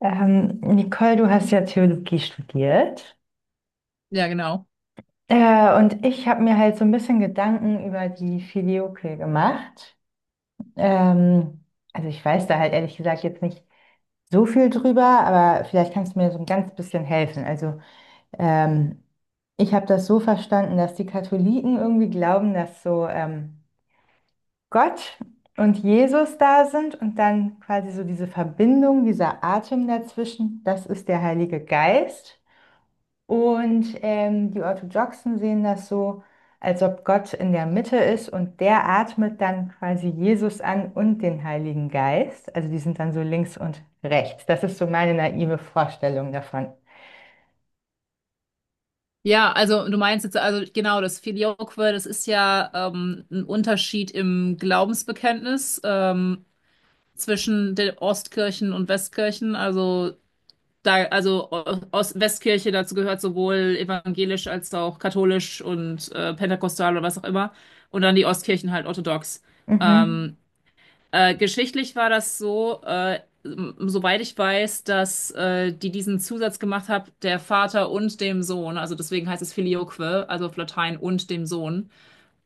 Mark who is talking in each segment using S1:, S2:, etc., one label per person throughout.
S1: Nicole, du hast ja Theologie studiert.
S2: Ja, genau.
S1: Und ich habe mir halt so ein bisschen Gedanken über die Filioque gemacht. Ähm, also ich weiß da halt ehrlich gesagt jetzt nicht so viel drüber, aber vielleicht kannst du mir so ein ganz bisschen helfen. Also ähm, ich habe das so verstanden, dass die Katholiken irgendwie glauben, dass so, Gott und Jesus da sind und dann quasi so diese Verbindung, dieser Atem dazwischen, das ist der Heilige Geist. Und die Orthodoxen sehen das so, als ob Gott in der Mitte ist und der atmet dann quasi Jesus an und den Heiligen Geist. Also die sind dann so links und rechts. Das ist so meine naive Vorstellung davon.
S2: Ja, also du meinst jetzt, also genau, das Filioque, das ist ja ein Unterschied im Glaubensbekenntnis zwischen den Ostkirchen und Westkirchen. Also da, also Ost Westkirche, dazu gehört sowohl evangelisch als auch katholisch und pentekostal oder was auch immer. Und dann die Ostkirchen halt orthodox.
S1: Mhm,
S2: Ähm, Geschichtlich war das so, soweit ich weiß, dass die diesen Zusatz gemacht haben, der Vater und dem Sohn, also deswegen heißt es Filioque, also auf Latein und dem Sohn,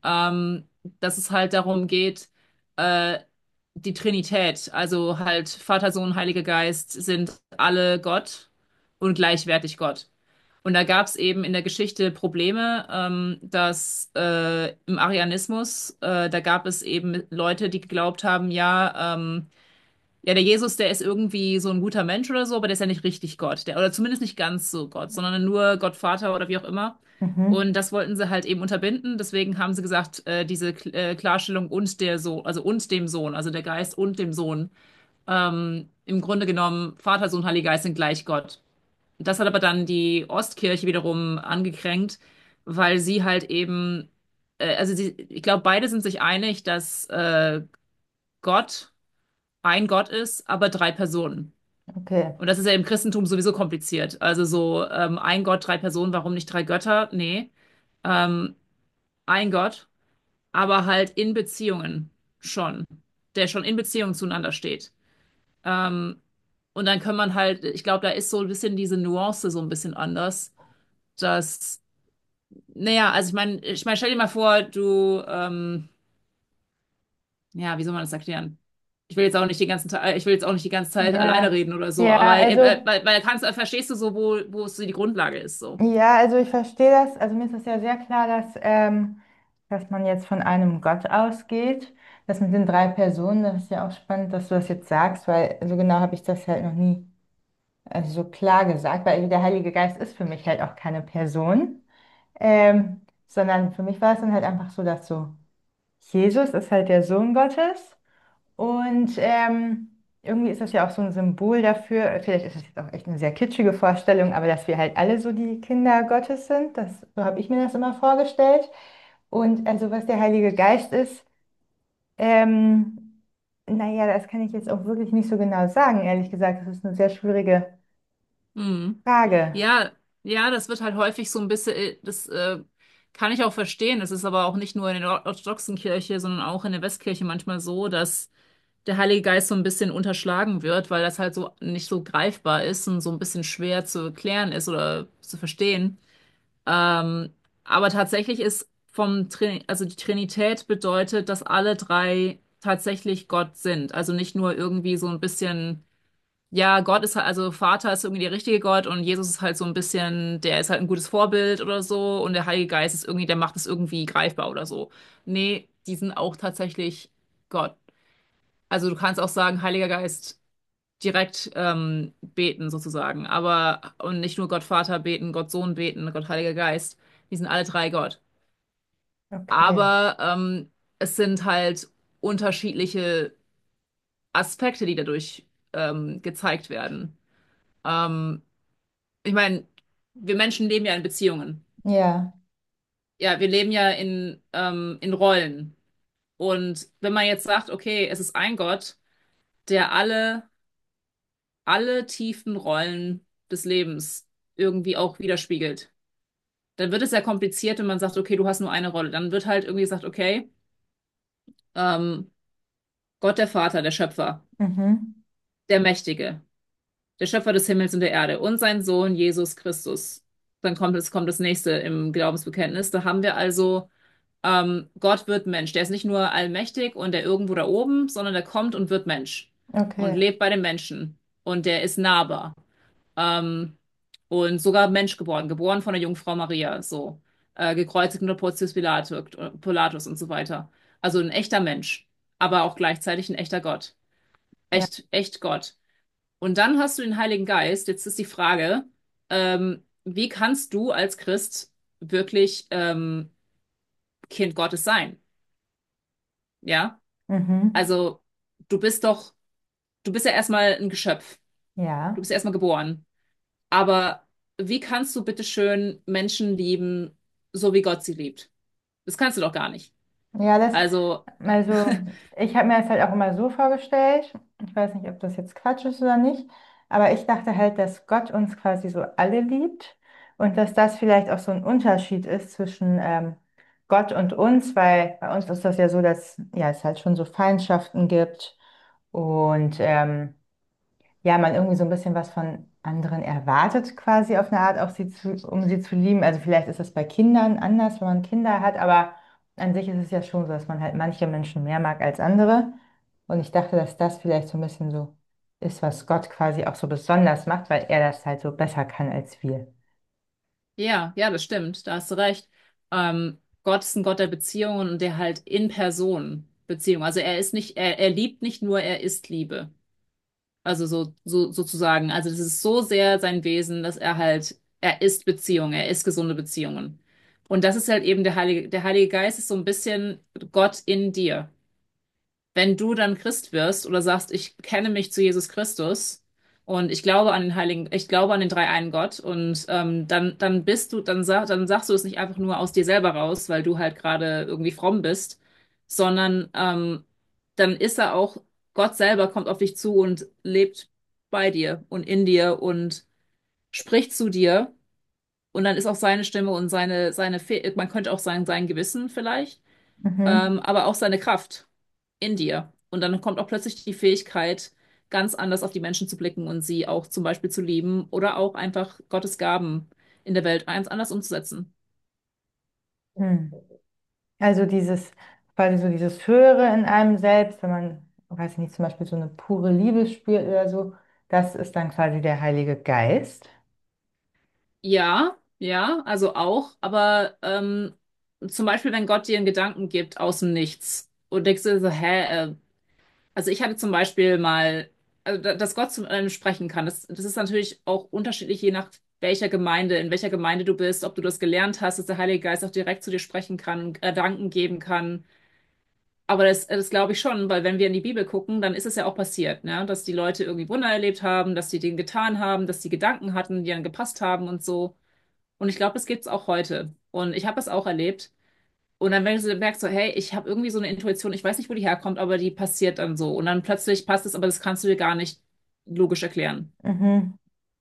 S2: ähm, dass es halt darum geht, äh, die Trinität, also halt Vater, Sohn, Heiliger Geist, sind alle Gott und gleichwertig Gott. Und da gab es eben in der Geschichte Probleme, dass im Arianismus da gab es eben Leute, die geglaubt haben, ja, ja, der Jesus, der ist irgendwie so ein guter Mensch oder so, aber der ist ja nicht richtig Gott. Der, oder zumindest nicht ganz so Gott, sondern nur Gott Vater oder wie auch immer.
S1: mhm,
S2: Und das wollten sie halt eben unterbinden. Deswegen haben sie gesagt, diese K Klarstellung und der Sohn, also und dem Sohn, also der Geist und dem Sohn. Im Grunde genommen, Vater, Sohn, Heiliger Geist sind gleich Gott. Das hat aber dann die Ostkirche wiederum angekränkt, weil sie halt eben, also sie, ich glaube, beide sind sich einig, dass Gott ein Gott ist, aber drei Personen.
S1: okay.
S2: Und das ist ja im Christentum sowieso kompliziert. Also so ein Gott, drei Personen, warum nicht drei Götter? Nee, ähm, ein Gott, aber halt in Beziehungen schon, der schon in Beziehungen zueinander steht. Ähm, und dann kann man halt, ich glaube, da ist so ein bisschen diese Nuance so ein bisschen anders, dass, naja, also ich meine, stell dir mal vor, ja, wie soll man das erklären? Ich will jetzt auch nicht die ganze Zeit alleine
S1: Ja,
S2: reden oder so,
S1: ja,
S2: aber
S1: also,
S2: verstehst du so, wo es so die Grundlage ist, so.
S1: ja, also ich verstehe das. Also mir ist das ja sehr klar, dass, dass man jetzt von einem Gott ausgeht. Das mit den drei Personen, das ist ja auch spannend, dass du das jetzt sagst, weil so genau habe ich das halt noch nie. Also so klar gesagt, weil der Heilige Geist ist für mich halt auch keine Person, sondern für mich war es dann halt einfach so, dass so Jesus ist halt der Sohn Gottes und irgendwie ist das ja auch so ein Symbol dafür, vielleicht ist das jetzt auch echt eine sehr kitschige Vorstellung, aber dass wir halt alle so die Kinder Gottes sind, das, so habe ich mir das immer vorgestellt. Und also was der Heilige Geist ist, ähm, naja, das kann ich jetzt auch wirklich nicht so genau sagen, ehrlich gesagt, das ist eine sehr schwierige
S2: Hm.
S1: Frage.
S2: Ja, ja, das wird halt häufig so ein bisschen, das kann ich auch verstehen. Das ist aber auch nicht nur in der orthodoxen Kirche, sondern auch in der Westkirche manchmal so, dass der Heilige Geist so ein bisschen unterschlagen wird, weil das halt so nicht so greifbar ist und so ein bisschen schwer zu erklären ist oder zu verstehen. Ähm, aber tatsächlich ist vom Trin also die Trinität bedeutet, dass alle drei tatsächlich Gott sind. Also nicht nur irgendwie so ein bisschen ja, Gott ist halt, also Vater ist irgendwie der richtige Gott und Jesus ist halt so ein bisschen, der ist halt ein gutes Vorbild oder so und der Heilige Geist ist irgendwie, der macht es irgendwie greifbar oder so. Nee, die sind auch tatsächlich Gott. Also du kannst auch sagen, Heiliger Geist direkt beten sozusagen, aber und nicht nur Gott Vater beten, Gott Sohn beten, Gott Heiliger Geist. Die sind alle drei Gott.
S1: Okay,
S2: Aber es sind halt unterschiedliche Aspekte, die dadurch gezeigt werden. Ähm, ich meine, wir Menschen leben ja in Beziehungen.
S1: ja,
S2: Ja, wir leben ja in Rollen. Und wenn man jetzt sagt, okay, es ist ein Gott, der alle tiefen Rollen des Lebens irgendwie auch widerspiegelt, dann wird es ja kompliziert, wenn man sagt, okay, du hast nur eine Rolle. Dann wird halt irgendwie gesagt, okay, ähm, Gott der Vater, der Schöpfer,
S1: mhm.
S2: der Mächtige, der Schöpfer des Himmels und der Erde und sein Sohn Jesus Christus. Dann kommt das nächste im Glaubensbekenntnis. Da haben wir also: Gott wird Mensch. Der ist nicht nur allmächtig und der irgendwo da oben, sondern der kommt und wird Mensch und
S1: Okay,
S2: lebt bei den Menschen und der ist nahbar. Ähm, und sogar Mensch geboren von der Jungfrau Maria, so gekreuzigt unter Pontius Pilatus und so weiter. Also ein echter Mensch, aber auch gleichzeitig ein echter Gott,
S1: ja,
S2: echt, echt Gott. Und dann hast du den Heiligen Geist. Jetzt ist die Frage, wie kannst du als Christ wirklich Kind Gottes sein? Ja?
S1: mhm.
S2: Also, du bist doch, du bist ja erstmal ein Geschöpf. Du
S1: Ja,
S2: bist ja erstmal geboren. Aber wie kannst du bitte schön Menschen lieben, so wie Gott sie liebt? Das kannst du doch gar nicht.
S1: ja, das,
S2: Also,
S1: also ich habe mir das halt auch immer so vorgestellt, ich weiß nicht, ob das jetzt Quatsch ist oder nicht, aber ich dachte halt, dass Gott uns quasi so alle liebt und dass das vielleicht auch so ein Unterschied ist zwischen Gott und uns, weil bei uns ist das ja so, dass ja, es halt schon so Feindschaften gibt und ja, man irgendwie so ein bisschen was von anderen erwartet, quasi auf eine Art, auch sie zu, um sie zu lieben. Also vielleicht ist das bei Kindern anders, wenn man Kinder hat, aber an sich ist es ja schon so, dass man halt manche Menschen mehr mag als andere. Und ich dachte, dass das vielleicht so ein bisschen so ist, was Gott quasi auch so besonders macht, weil er das halt so besser kann als wir.
S2: ja, ja, das stimmt. Da hast du recht. Gott ist ein Gott der Beziehungen und der halt in Person Beziehung. Also er ist nicht, er liebt nicht nur, er ist Liebe. Also so sozusagen. Also das ist so sehr sein Wesen, dass er halt, er ist Beziehung, er ist gesunde Beziehungen. Und das ist halt eben der Heilige Geist ist so ein bisschen Gott in dir, wenn du dann Christ wirst oder sagst, ich bekenne mich zu Jesus Christus und ich glaube an den dreieinen Gott und dann, dann bist du, dann, sag, dann sagst du es nicht einfach nur aus dir selber raus, weil du halt gerade irgendwie fromm bist, sondern dann ist er auch, Gott selber kommt auf dich zu und lebt bei dir und in dir und spricht zu dir und dann ist auch seine Stimme und seine, seine, Fe man könnte auch sagen, sein Gewissen vielleicht
S1: Mhm.
S2: aber auch seine Kraft in dir. Und dann kommt auch plötzlich die Fähigkeit, ganz anders auf die Menschen zu blicken und sie auch zum Beispiel zu lieben oder auch einfach Gottes Gaben in der Welt ganz anders umzusetzen.
S1: Hm. Also dieses, quasi so dieses Höhere in einem selbst, wenn man, weiß ich nicht, zum Beispiel so eine pure Liebe spürt oder so, das ist dann quasi der Heilige Geist.
S2: Ja, ja, also auch, aber zum Beispiel, wenn Gott dir einen Gedanken gibt aus dem Nichts und denkst du so, hä, also ich hatte zum Beispiel mal, dass Gott zu einem sprechen kann. Das ist natürlich auch unterschiedlich, je nach welcher Gemeinde, in welcher Gemeinde du bist, ob du das gelernt hast, dass der Heilige Geist auch direkt zu dir sprechen kann, Gedanken geben kann. Aber das, das glaube ich schon, weil wenn wir in die Bibel gucken, dann ist es ja auch passiert, ne? Dass die Leute irgendwie Wunder erlebt haben, dass die Dinge getan haben, dass die Gedanken hatten, die dann gepasst haben und so. Und ich glaube, das gibt's auch heute. Und ich habe es auch erlebt. Und dann merkst so, hey, ich habe irgendwie so eine Intuition, ich weiß nicht, wo die herkommt, aber die passiert dann so. Und dann plötzlich passt es, aber das kannst du dir gar nicht logisch erklären.
S1: Mhm.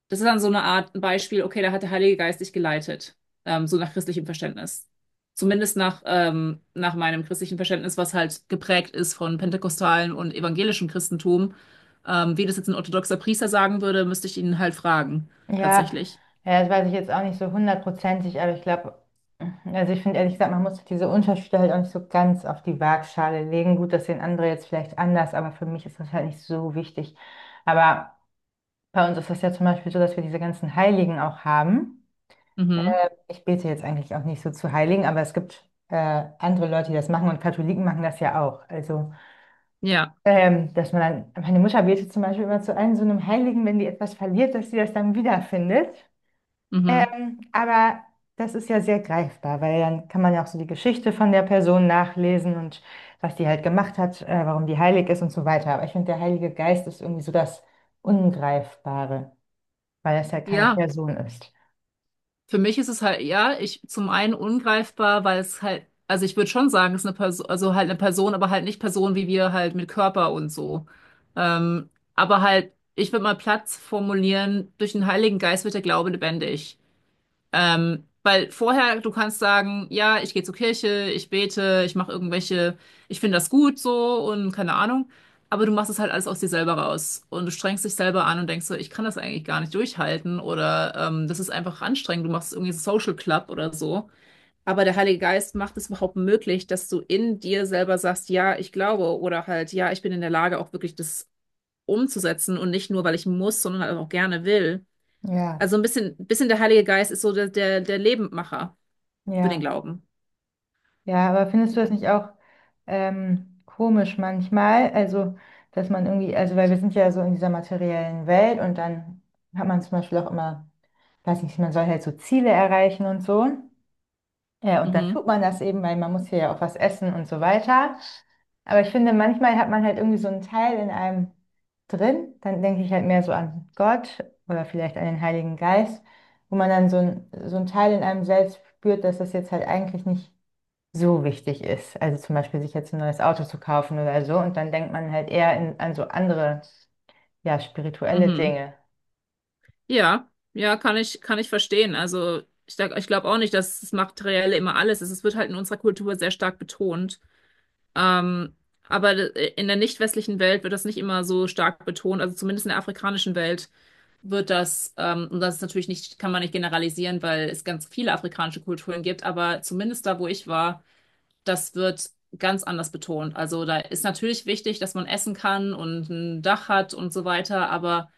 S2: Das ist dann so eine Art Beispiel, okay, da hat der Heilige Geist dich geleitet, so nach christlichem Verständnis. Zumindest nach meinem christlichen Verständnis, was halt geprägt ist von pentekostalen und evangelischem Christentum. Wie das jetzt ein orthodoxer Priester sagen würde, müsste ich ihn halt fragen,
S1: Ja,
S2: tatsächlich.
S1: ja, das weiß ich jetzt auch nicht so hundertprozentig, aber ich glaube, also ich finde ehrlich gesagt, man muss diese Unterschiede halt auch nicht so ganz auf die Waagschale legen. Gut, das sehen andere jetzt vielleicht anders, aber für mich ist das halt nicht so wichtig. Aber bei uns ist das ja zum Beispiel so, dass wir diese ganzen Heiligen auch haben.
S2: Mhm.
S1: Ich bete jetzt eigentlich auch nicht so zu Heiligen, aber es gibt andere Leute, die das machen und Katholiken machen das ja auch. Also,
S2: Ja.
S1: dass man dann, meine Mutter betet zum Beispiel immer zu einem so einem Heiligen, wenn die etwas verliert, dass sie das dann wiederfindet.
S2: Mhm.
S1: Aber das ist ja sehr greifbar, weil dann kann man ja auch so die Geschichte von der Person nachlesen und was die halt gemacht hat, warum die heilig ist und so weiter. Aber ich finde, der Heilige Geist ist irgendwie so das Ungreifbare, weil das halt keine
S2: Ja.
S1: Person ist.
S2: Für mich ist es halt, ja, ich zum einen ungreifbar, weil es halt, also ich würde schon sagen, es ist eine Person, also halt eine Person, aber halt nicht Person wie wir halt mit Körper und so. Aber halt, ich würde mal Platz formulieren, durch den Heiligen Geist wird der Glaube lebendig. Weil vorher, du kannst sagen, ja, ich gehe zur Kirche, ich bete, ich mache irgendwelche, ich finde das gut so und keine Ahnung. Aber du machst es halt alles aus dir selber raus. Und du strengst dich selber an und denkst so, ich kann das eigentlich gar nicht durchhalten oder das ist einfach anstrengend. Du machst irgendwie so Social Club oder so. Aber der Heilige Geist macht es überhaupt möglich, dass du in dir selber sagst, ja, ich glaube oder halt, ja, ich bin in der Lage, auch wirklich das umzusetzen und nicht nur, weil ich muss, sondern halt auch gerne will.
S1: Ja,
S2: Also ein bisschen der Heilige Geist ist so der Lebendmacher für den
S1: ja.
S2: Glauben.
S1: Ja, aber findest du das
S2: Ja.
S1: nicht auch komisch manchmal? Also, dass man irgendwie, also weil wir sind ja so in dieser materiellen Welt und dann hat man zum Beispiel auch immer, weiß nicht, man soll halt so Ziele erreichen und so. Ja, und dann
S2: Mhm.
S1: tut man das eben, weil man muss hier ja auch was essen und so weiter. Aber ich finde, manchmal hat man halt irgendwie so einen Teil in einem drin. Dann denke ich halt mehr so an Gott oder vielleicht an den Heiligen Geist, wo man dann so ein Teil in einem selbst spürt, dass das jetzt halt eigentlich nicht so wichtig ist. Also zum Beispiel sich jetzt ein neues Auto zu kaufen oder so. Und dann denkt man halt eher in, an so andere, ja, spirituelle
S2: Mhm.
S1: Dinge.
S2: Ja, ja, kann ich verstehen. Also ich glaube auch nicht, dass das Materielle immer alles ist. Es wird halt in unserer Kultur sehr stark betont. Ähm, aber in der nicht westlichen Welt wird das nicht immer so stark betont. Also zumindest in der afrikanischen Welt wird das, und das ist natürlich nicht, kann man nicht generalisieren, weil es ganz viele afrikanische Kulturen gibt, aber zumindest da, wo ich war, das wird ganz anders betont. Also da ist natürlich wichtig, dass man essen kann und ein Dach hat und so weiter, aber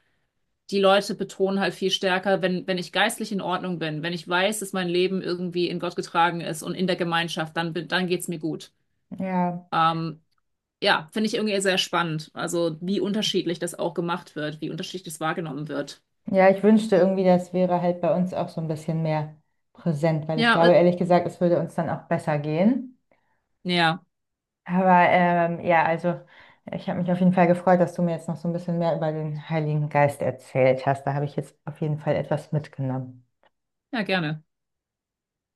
S2: die Leute betonen halt viel stärker, wenn, wenn ich geistlich in Ordnung bin, wenn ich weiß, dass mein Leben irgendwie in Gott getragen ist und in der Gemeinschaft, dann, dann geht's mir gut.
S1: Ja,
S2: Ähm, ja, finde ich irgendwie sehr spannend. Also wie unterschiedlich das auch gemacht wird, wie unterschiedlich das wahrgenommen wird.
S1: ja, ich wünschte irgendwie, das wäre halt bei uns auch so ein bisschen mehr präsent, weil ich
S2: Ja,
S1: glaube, ehrlich gesagt, es würde uns dann auch besser gehen.
S2: ja,
S1: Aber ja, also ich habe mich auf jeden Fall gefreut, dass du mir jetzt noch so ein bisschen mehr über den Heiligen Geist erzählt hast. Da habe ich jetzt auf jeden Fall etwas mitgenommen.
S2: ja, gerne.